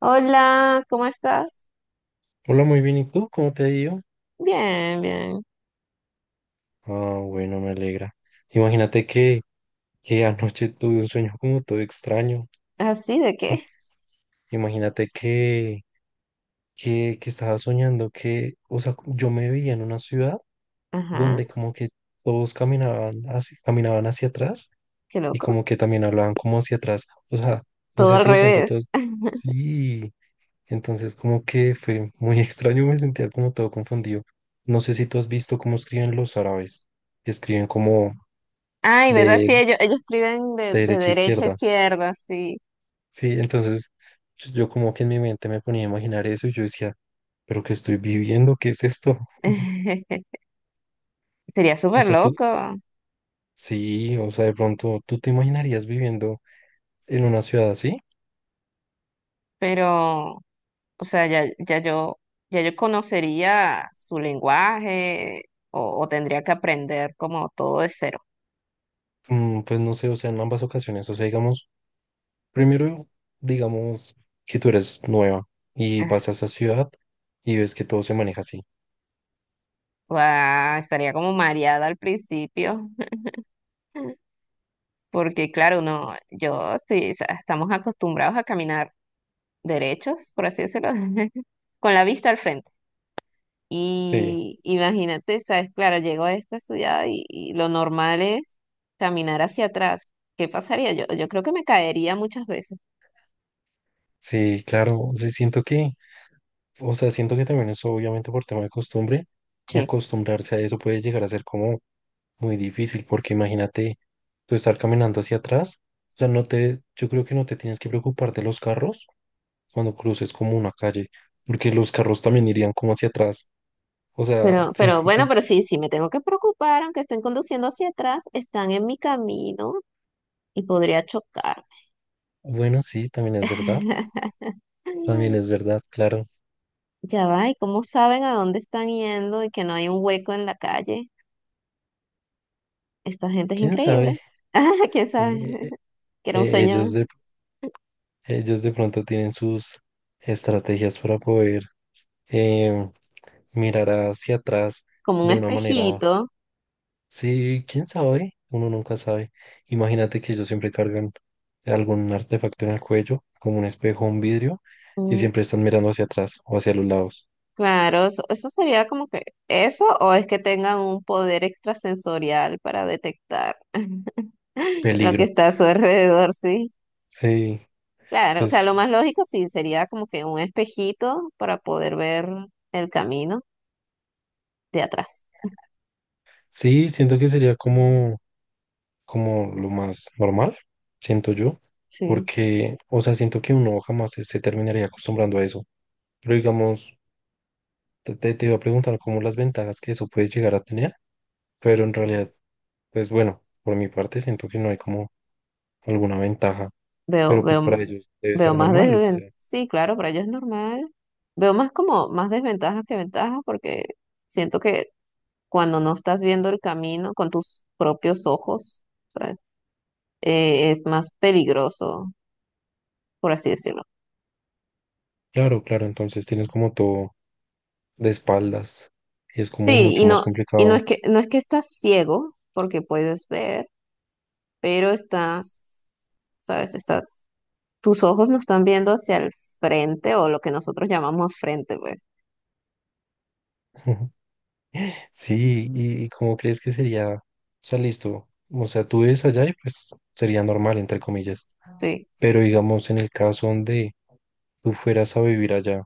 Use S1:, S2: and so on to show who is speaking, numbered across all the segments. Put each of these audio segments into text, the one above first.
S1: Hola, ¿cómo estás?
S2: Hola, muy bien. ¿Y tú? ¿Cómo te ha ido?
S1: Bien, bien.
S2: Ah, bueno, me alegra. Imagínate que anoche tuve un sueño como todo extraño.
S1: ¿Así de qué?
S2: I- Imagínate que estaba soñando que, o sea, yo me veía en una ciudad
S1: Ajá,
S2: donde como que todos caminaban hacia atrás
S1: qué
S2: y
S1: loco.
S2: como que también hablaban como hacia atrás. O sea, no
S1: Todo
S2: sé
S1: al
S2: si de pronto
S1: revés.
S2: todos... Sí, entonces como que fue muy extraño, me sentía como todo confundido. No sé si tú has visto cómo escriben los árabes. Que Escriben como
S1: Ay, ¿verdad?
S2: de,
S1: Sí, ellos escriben de,
S2: de
S1: de
S2: derecha a
S1: derecha a
S2: izquierda.
S1: izquierda, sí.
S2: Sí, entonces yo como que en mi mente me ponía a imaginar eso y yo decía, pero ¿qué estoy viviendo? ¿Qué es esto?
S1: Sería
S2: O
S1: súper
S2: sea, tú,
S1: loco,
S2: sí, o sea, de pronto tú te imaginarías viviendo en una ciudad así.
S1: pero, o sea, ya yo conocería su lenguaje o tendría que aprender como todo de cero.
S2: Mm, pues no sé, o sea, en ambas ocasiones, o sea, digamos, primero, digamos que tú eres nueva y vas a esa ciudad y ves que todo se maneja así.
S1: Guau, estaría como mareada al principio. Porque claro, uno, yo estoy, o sea, estamos acostumbrados a caminar derechos, por así decirlo, con la vista al frente.
S2: Sí,
S1: Y imagínate, sabes, claro, llego a esta ciudad y lo normal es caminar hacia atrás. ¿Qué pasaría? Yo creo que me caería muchas veces.
S2: sí, claro, sí, siento que, o sea, siento que también eso obviamente por tema de costumbre y
S1: Sí.
S2: acostumbrarse a eso puede llegar a ser como muy difícil porque imagínate tú estar caminando hacia atrás, o sea, no te, yo creo que no te tienes que preocupar de los carros cuando cruces como una calle, porque los carros también irían como hacia atrás, o sea,
S1: Pero, pero
S2: siento que
S1: bueno,
S2: es,
S1: pero sí, sí me tengo que preocupar, aunque estén conduciendo hacia atrás, están en mi camino y podría chocarme.
S2: bueno, sí, también es verdad, claro,
S1: Ya va, ¿y cómo saben a dónde están yendo y que no hay un hueco en la calle? Esta gente es
S2: quién sabe.
S1: increíble. ¿Quién sabe?
S2: Eh, eh,
S1: Que era un
S2: eh, ellos
S1: sueño
S2: de, ellos de pronto tienen sus estrategias para poder eh, mirar hacia atrás
S1: como un
S2: de una manera.
S1: espejito.
S2: Sí, quién sabe, uno nunca sabe. Imagínate que ellos siempre cargan algún artefacto en el cuello, como un espejo o un vidrio, y
S1: Mm,
S2: siempre están mirando hacia atrás o hacia los lados.
S1: Claro, eso sería como que eso o es que tengan un poder extrasensorial para detectar lo que
S2: Peligro.
S1: está a su alrededor, sí.
S2: Sí,
S1: Claro, o sea, lo
S2: pues
S1: más lógico sí sería como que un espejito para poder ver el camino de atrás.
S2: sí, siento que sería como, como lo más normal, siento yo,
S1: Sí.
S2: porque, o sea, siento que uno jamás se terminaría acostumbrando a eso. Pero digamos, te iba a preguntar como las ventajas que eso puede llegar a tener, pero en realidad, pues bueno, por mi parte siento que no hay como alguna ventaja,
S1: Veo,
S2: pero pues
S1: veo,
S2: para ellos debe
S1: veo
S2: ser
S1: más
S2: normal, o
S1: desventajas.
S2: sea,
S1: Sí, claro, para ella es normal. Veo más como más desventajas que ventajas porque siento que cuando no estás viendo el camino con tus propios ojos, ¿sabes? Es más peligroso, por así decirlo.
S2: claro, claro, entonces tienes como todo de espaldas y es como
S1: Sí, y
S2: mucho más
S1: no,
S2: complicado.
S1: no es que estás ciego, porque puedes ver, pero estás, ¿sabes? Estás, tus ojos no están viendo hacia el frente o lo que nosotros llamamos frente, pues.
S2: Sí, y cómo crees que sería, o sea, listo, o sea, tú ves allá y pues sería normal, entre comillas,
S1: Sí.
S2: pero digamos en el caso donde tú fueras a vivir allá,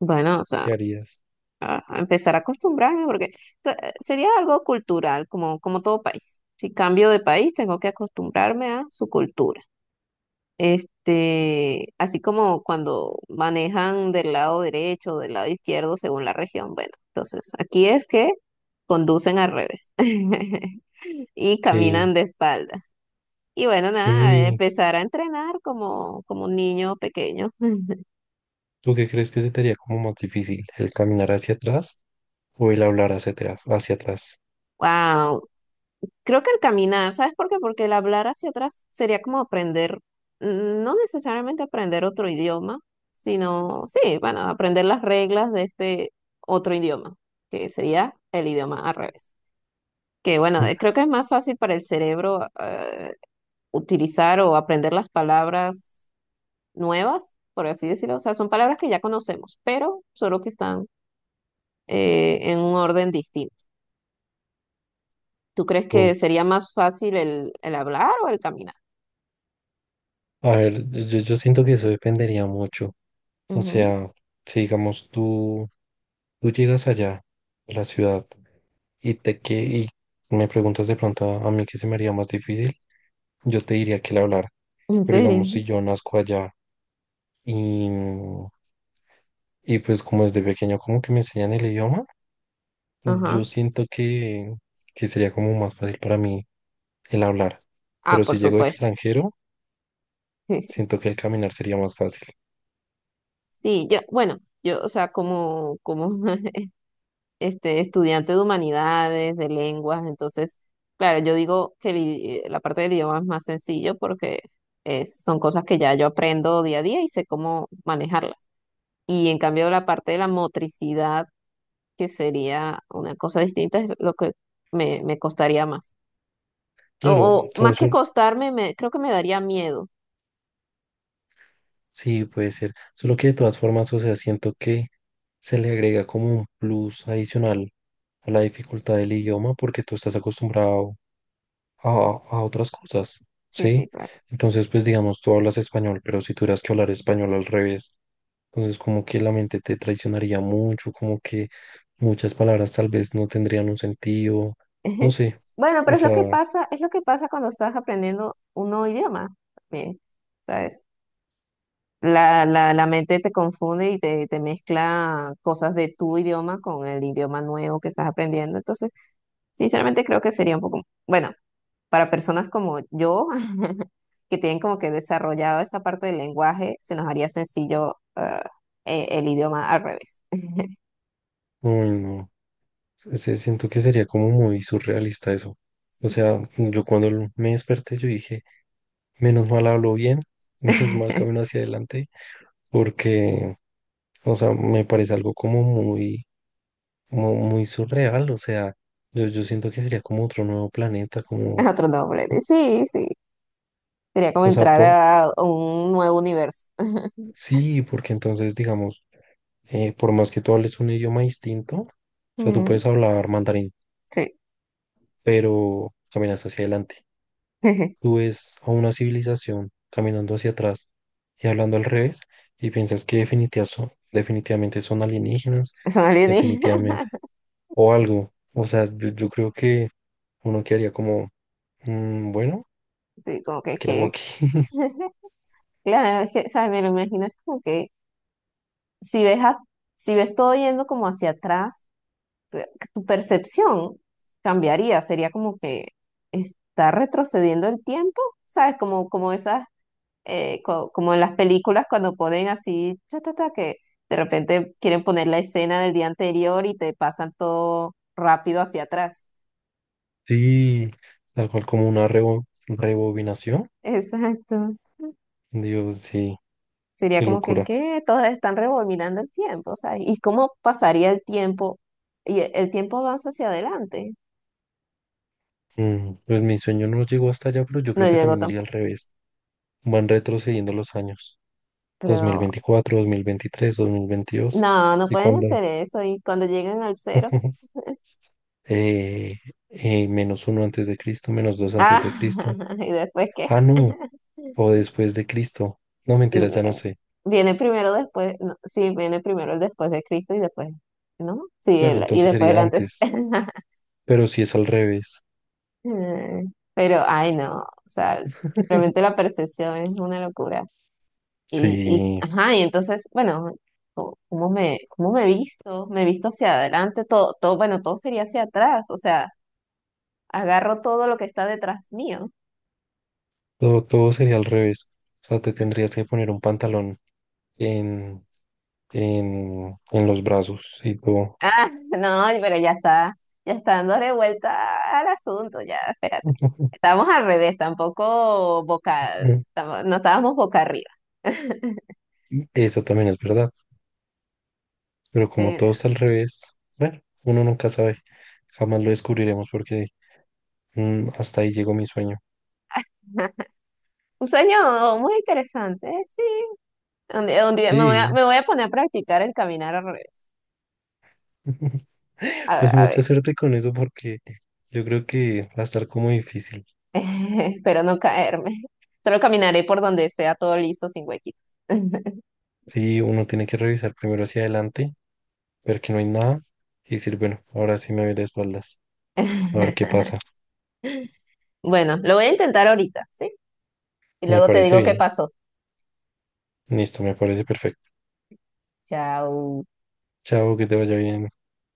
S1: Bueno, o sea.
S2: ¿qué harías?
S1: A empezar a acostumbrarme porque sería algo cultural, como todo país. Si cambio de país, tengo que acostumbrarme a su cultura. Este, así como cuando manejan del lado derecho o del lado izquierdo según la región. Bueno, entonces aquí es que conducen al revés y
S2: Sí,
S1: caminan de espalda. Y bueno, nada,
S2: sí,
S1: empezar a entrenar como un niño pequeño.
S2: ¿tú qué crees que se te haría como más difícil, el caminar hacia atrás o el hablar hacia atrás, hacia atrás?
S1: Wow, creo que el caminar, ¿sabes por qué? Porque el hablar hacia atrás sería como aprender, no necesariamente aprender otro idioma, sino, sí, bueno, aprender las reglas de este otro idioma, que sería el idioma al revés. Que bueno, creo que es más fácil para el cerebro utilizar o aprender las palabras nuevas, por así decirlo. O sea, son palabras que ya conocemos, pero solo que están en un orden distinto. ¿Tú crees que sería más fácil el hablar o el caminar?
S2: A ver, yo siento que eso dependería mucho. O
S1: Ujú.
S2: sea, si digamos tú llegas allá, a la ciudad, y te que y me preguntas de pronto a mí qué se me haría más difícil, yo te diría que el hablar.
S1: ¿En
S2: Pero
S1: serio?
S2: digamos, si yo nazco allá y, y pues como desde pequeño como que me enseñan el idioma, yo
S1: Ajá.
S2: siento que sería como más fácil para mí el hablar. Pero
S1: Ah,
S2: si
S1: por
S2: llego
S1: supuesto.
S2: extranjero, siento que el caminar sería más fácil.
S1: Sí, yo, bueno, yo, o sea, como este, estudiante de humanidades, de lenguas, entonces, claro, yo digo que la parte del idioma es más sencillo porque son cosas que ya yo aprendo día a día y sé cómo manejarlas. Y en cambio, la parte de la motricidad, que sería una cosa distinta, es lo que me costaría más. O,
S2: Claro,
S1: o más
S2: son,
S1: que
S2: son-
S1: costarme, creo que me daría miedo.
S2: Sí, puede ser. Solo que de todas formas, o sea, siento que se le agrega como un plus adicional a la dificultad del idioma porque tú estás acostumbrado a otras cosas,
S1: Sí, sí,
S2: ¿sí?
S1: claro.
S2: Entonces, pues digamos, tú hablas español, pero si tuvieras que hablar español al revés, entonces como que la mente te traicionaría mucho, como que muchas palabras tal vez no tendrían un sentido, no
S1: Ujú.
S2: sé,
S1: Bueno,
S2: o
S1: pero es lo que
S2: sea,
S1: pasa, es lo que pasa cuando estás aprendiendo un nuevo idioma también, ¿sabes? La mente te confunde y te mezcla cosas de tu idioma con el idioma nuevo que estás aprendiendo. Entonces, sinceramente creo que sería un poco, bueno, para personas como yo, que tienen como que desarrollado esa parte del lenguaje, se nos haría sencillo el idioma al revés.
S2: uy, no. Siento que sería como muy surrealista eso. O sea, yo cuando me desperté, yo dije, menos mal hablo bien, menos mal camino hacia adelante, porque, o sea, me parece algo como muy surreal. O sea, yo siento que sería como otro nuevo planeta, como,
S1: Otro nombre.
S2: o
S1: Sí, sí. Sería como
S2: o sea,
S1: entrar
S2: por,
S1: a un nuevo universo.
S2: sí, porque entonces, digamos, por más que tú hables un idioma distinto, o sea, tú
S1: Mm,
S2: puedes hablar mandarín,
S1: sí,
S2: pero caminas hacia adelante. Tú ves a una civilización caminando hacia atrás y hablando al revés y piensas que definitivamente son alienígenas,
S1: son alienígenas.
S2: definitivamente, o algo. O sea, yo creo que uno quedaría como, "Mm, bueno,
S1: Sí, como que,
S2: ¿qué hago
S1: que...
S2: aquí?"
S1: Claro, es que, ¿sabes? Me lo imagino, es como que si ves, a- si ves todo yendo como hacia atrás, eh, tu percepción cambiaría, sería como que está retrocediendo el tiempo, ¿sabes? Como esas, como en las películas cuando ponen así, ta, ta, ta, que de repente quieren poner la escena del día anterior y te pasan todo rápido hacia atrás.
S2: Sí, tal cual como una rebobinación.
S1: Exacto.
S2: Dios, sí,
S1: Sería
S2: qué
S1: como que,
S2: locura.
S1: ¿qué? Todas están rebobinando el tiempo, ¿sabes? ¿Y cómo pasaría el tiempo? El tiempo avanza hacia adelante.
S2: Mm, pues mi sueño no llegó hasta allá, pero yo
S1: No
S2: creo que
S1: llegó
S2: también iría
S1: tampoco.
S2: al revés. Van retrocediendo los años, dos mil
S1: Pero
S2: veinticuatro, 2023, 2022
S1: no, no
S2: y
S1: pueden
S2: cuando...
S1: hacer eso. Y cuando llegan al cero,
S2: eh, menos uno antes de Cristo, menos dos antes de
S1: ah,
S2: Cristo.
S1: ¿y después qué?
S2: Ah, no, o después de Cristo. No, mentiras,
S1: Mm,
S2: ya no sé.
S1: Viene primero después, no, sí, viene primero el después de Cristo y después, ¿no? Sí,
S2: Claro,
S1: y
S2: entonces
S1: después el
S2: sería
S1: antes.
S2: antes, pero si es al revés.
S1: Pero, ay, no, o sea, realmente la percepción es una locura. Y,
S2: Sí,
S1: ajá, y entonces, bueno, ¿cómo me he visto? Me he visto hacia adelante, todo, bueno, todo sería hacia atrás, o sea, agarro todo lo que está detrás mío.
S2: todo, todo sería al revés. O sea, te tendrías que poner un pantalón en, en los brazos y todo.
S1: Ah, no, pero ya está, dándole vuelta al asunto, ya, espérate. Estábamos al revés, tampoco boca, no estábamos boca arriba.
S2: Eso también es verdad, pero como
S1: Pero,
S2: todo está al revés, bueno, uno nunca sabe. Jamás lo descubriremos porque hasta ahí llegó mi sueño.
S1: ajá. Un sueño muy interesante, ¿eh? Sí. Un día me voy a,
S2: Sí,
S1: me voy a poner a practicar el caminar al revés. A ver,
S2: Pues
S1: a ver.
S2: mucha suerte con eso porque yo creo que va a estar como difícil.
S1: Espero no caerme. Solo caminaré por donde sea todo liso, sin huequitos.
S2: Sí, uno tiene que revisar primero hacia adelante, ver que no hay nada y decir, bueno, ahora sí me voy de espaldas, a ver qué pasa.
S1: Bueno, lo voy a intentar ahorita, ¿sí? Y
S2: Me
S1: luego te
S2: parece
S1: digo qué
S2: bien.
S1: pasó.
S2: Listo, me parece perfecto.
S1: Chao.
S2: Chao, que te vaya bien.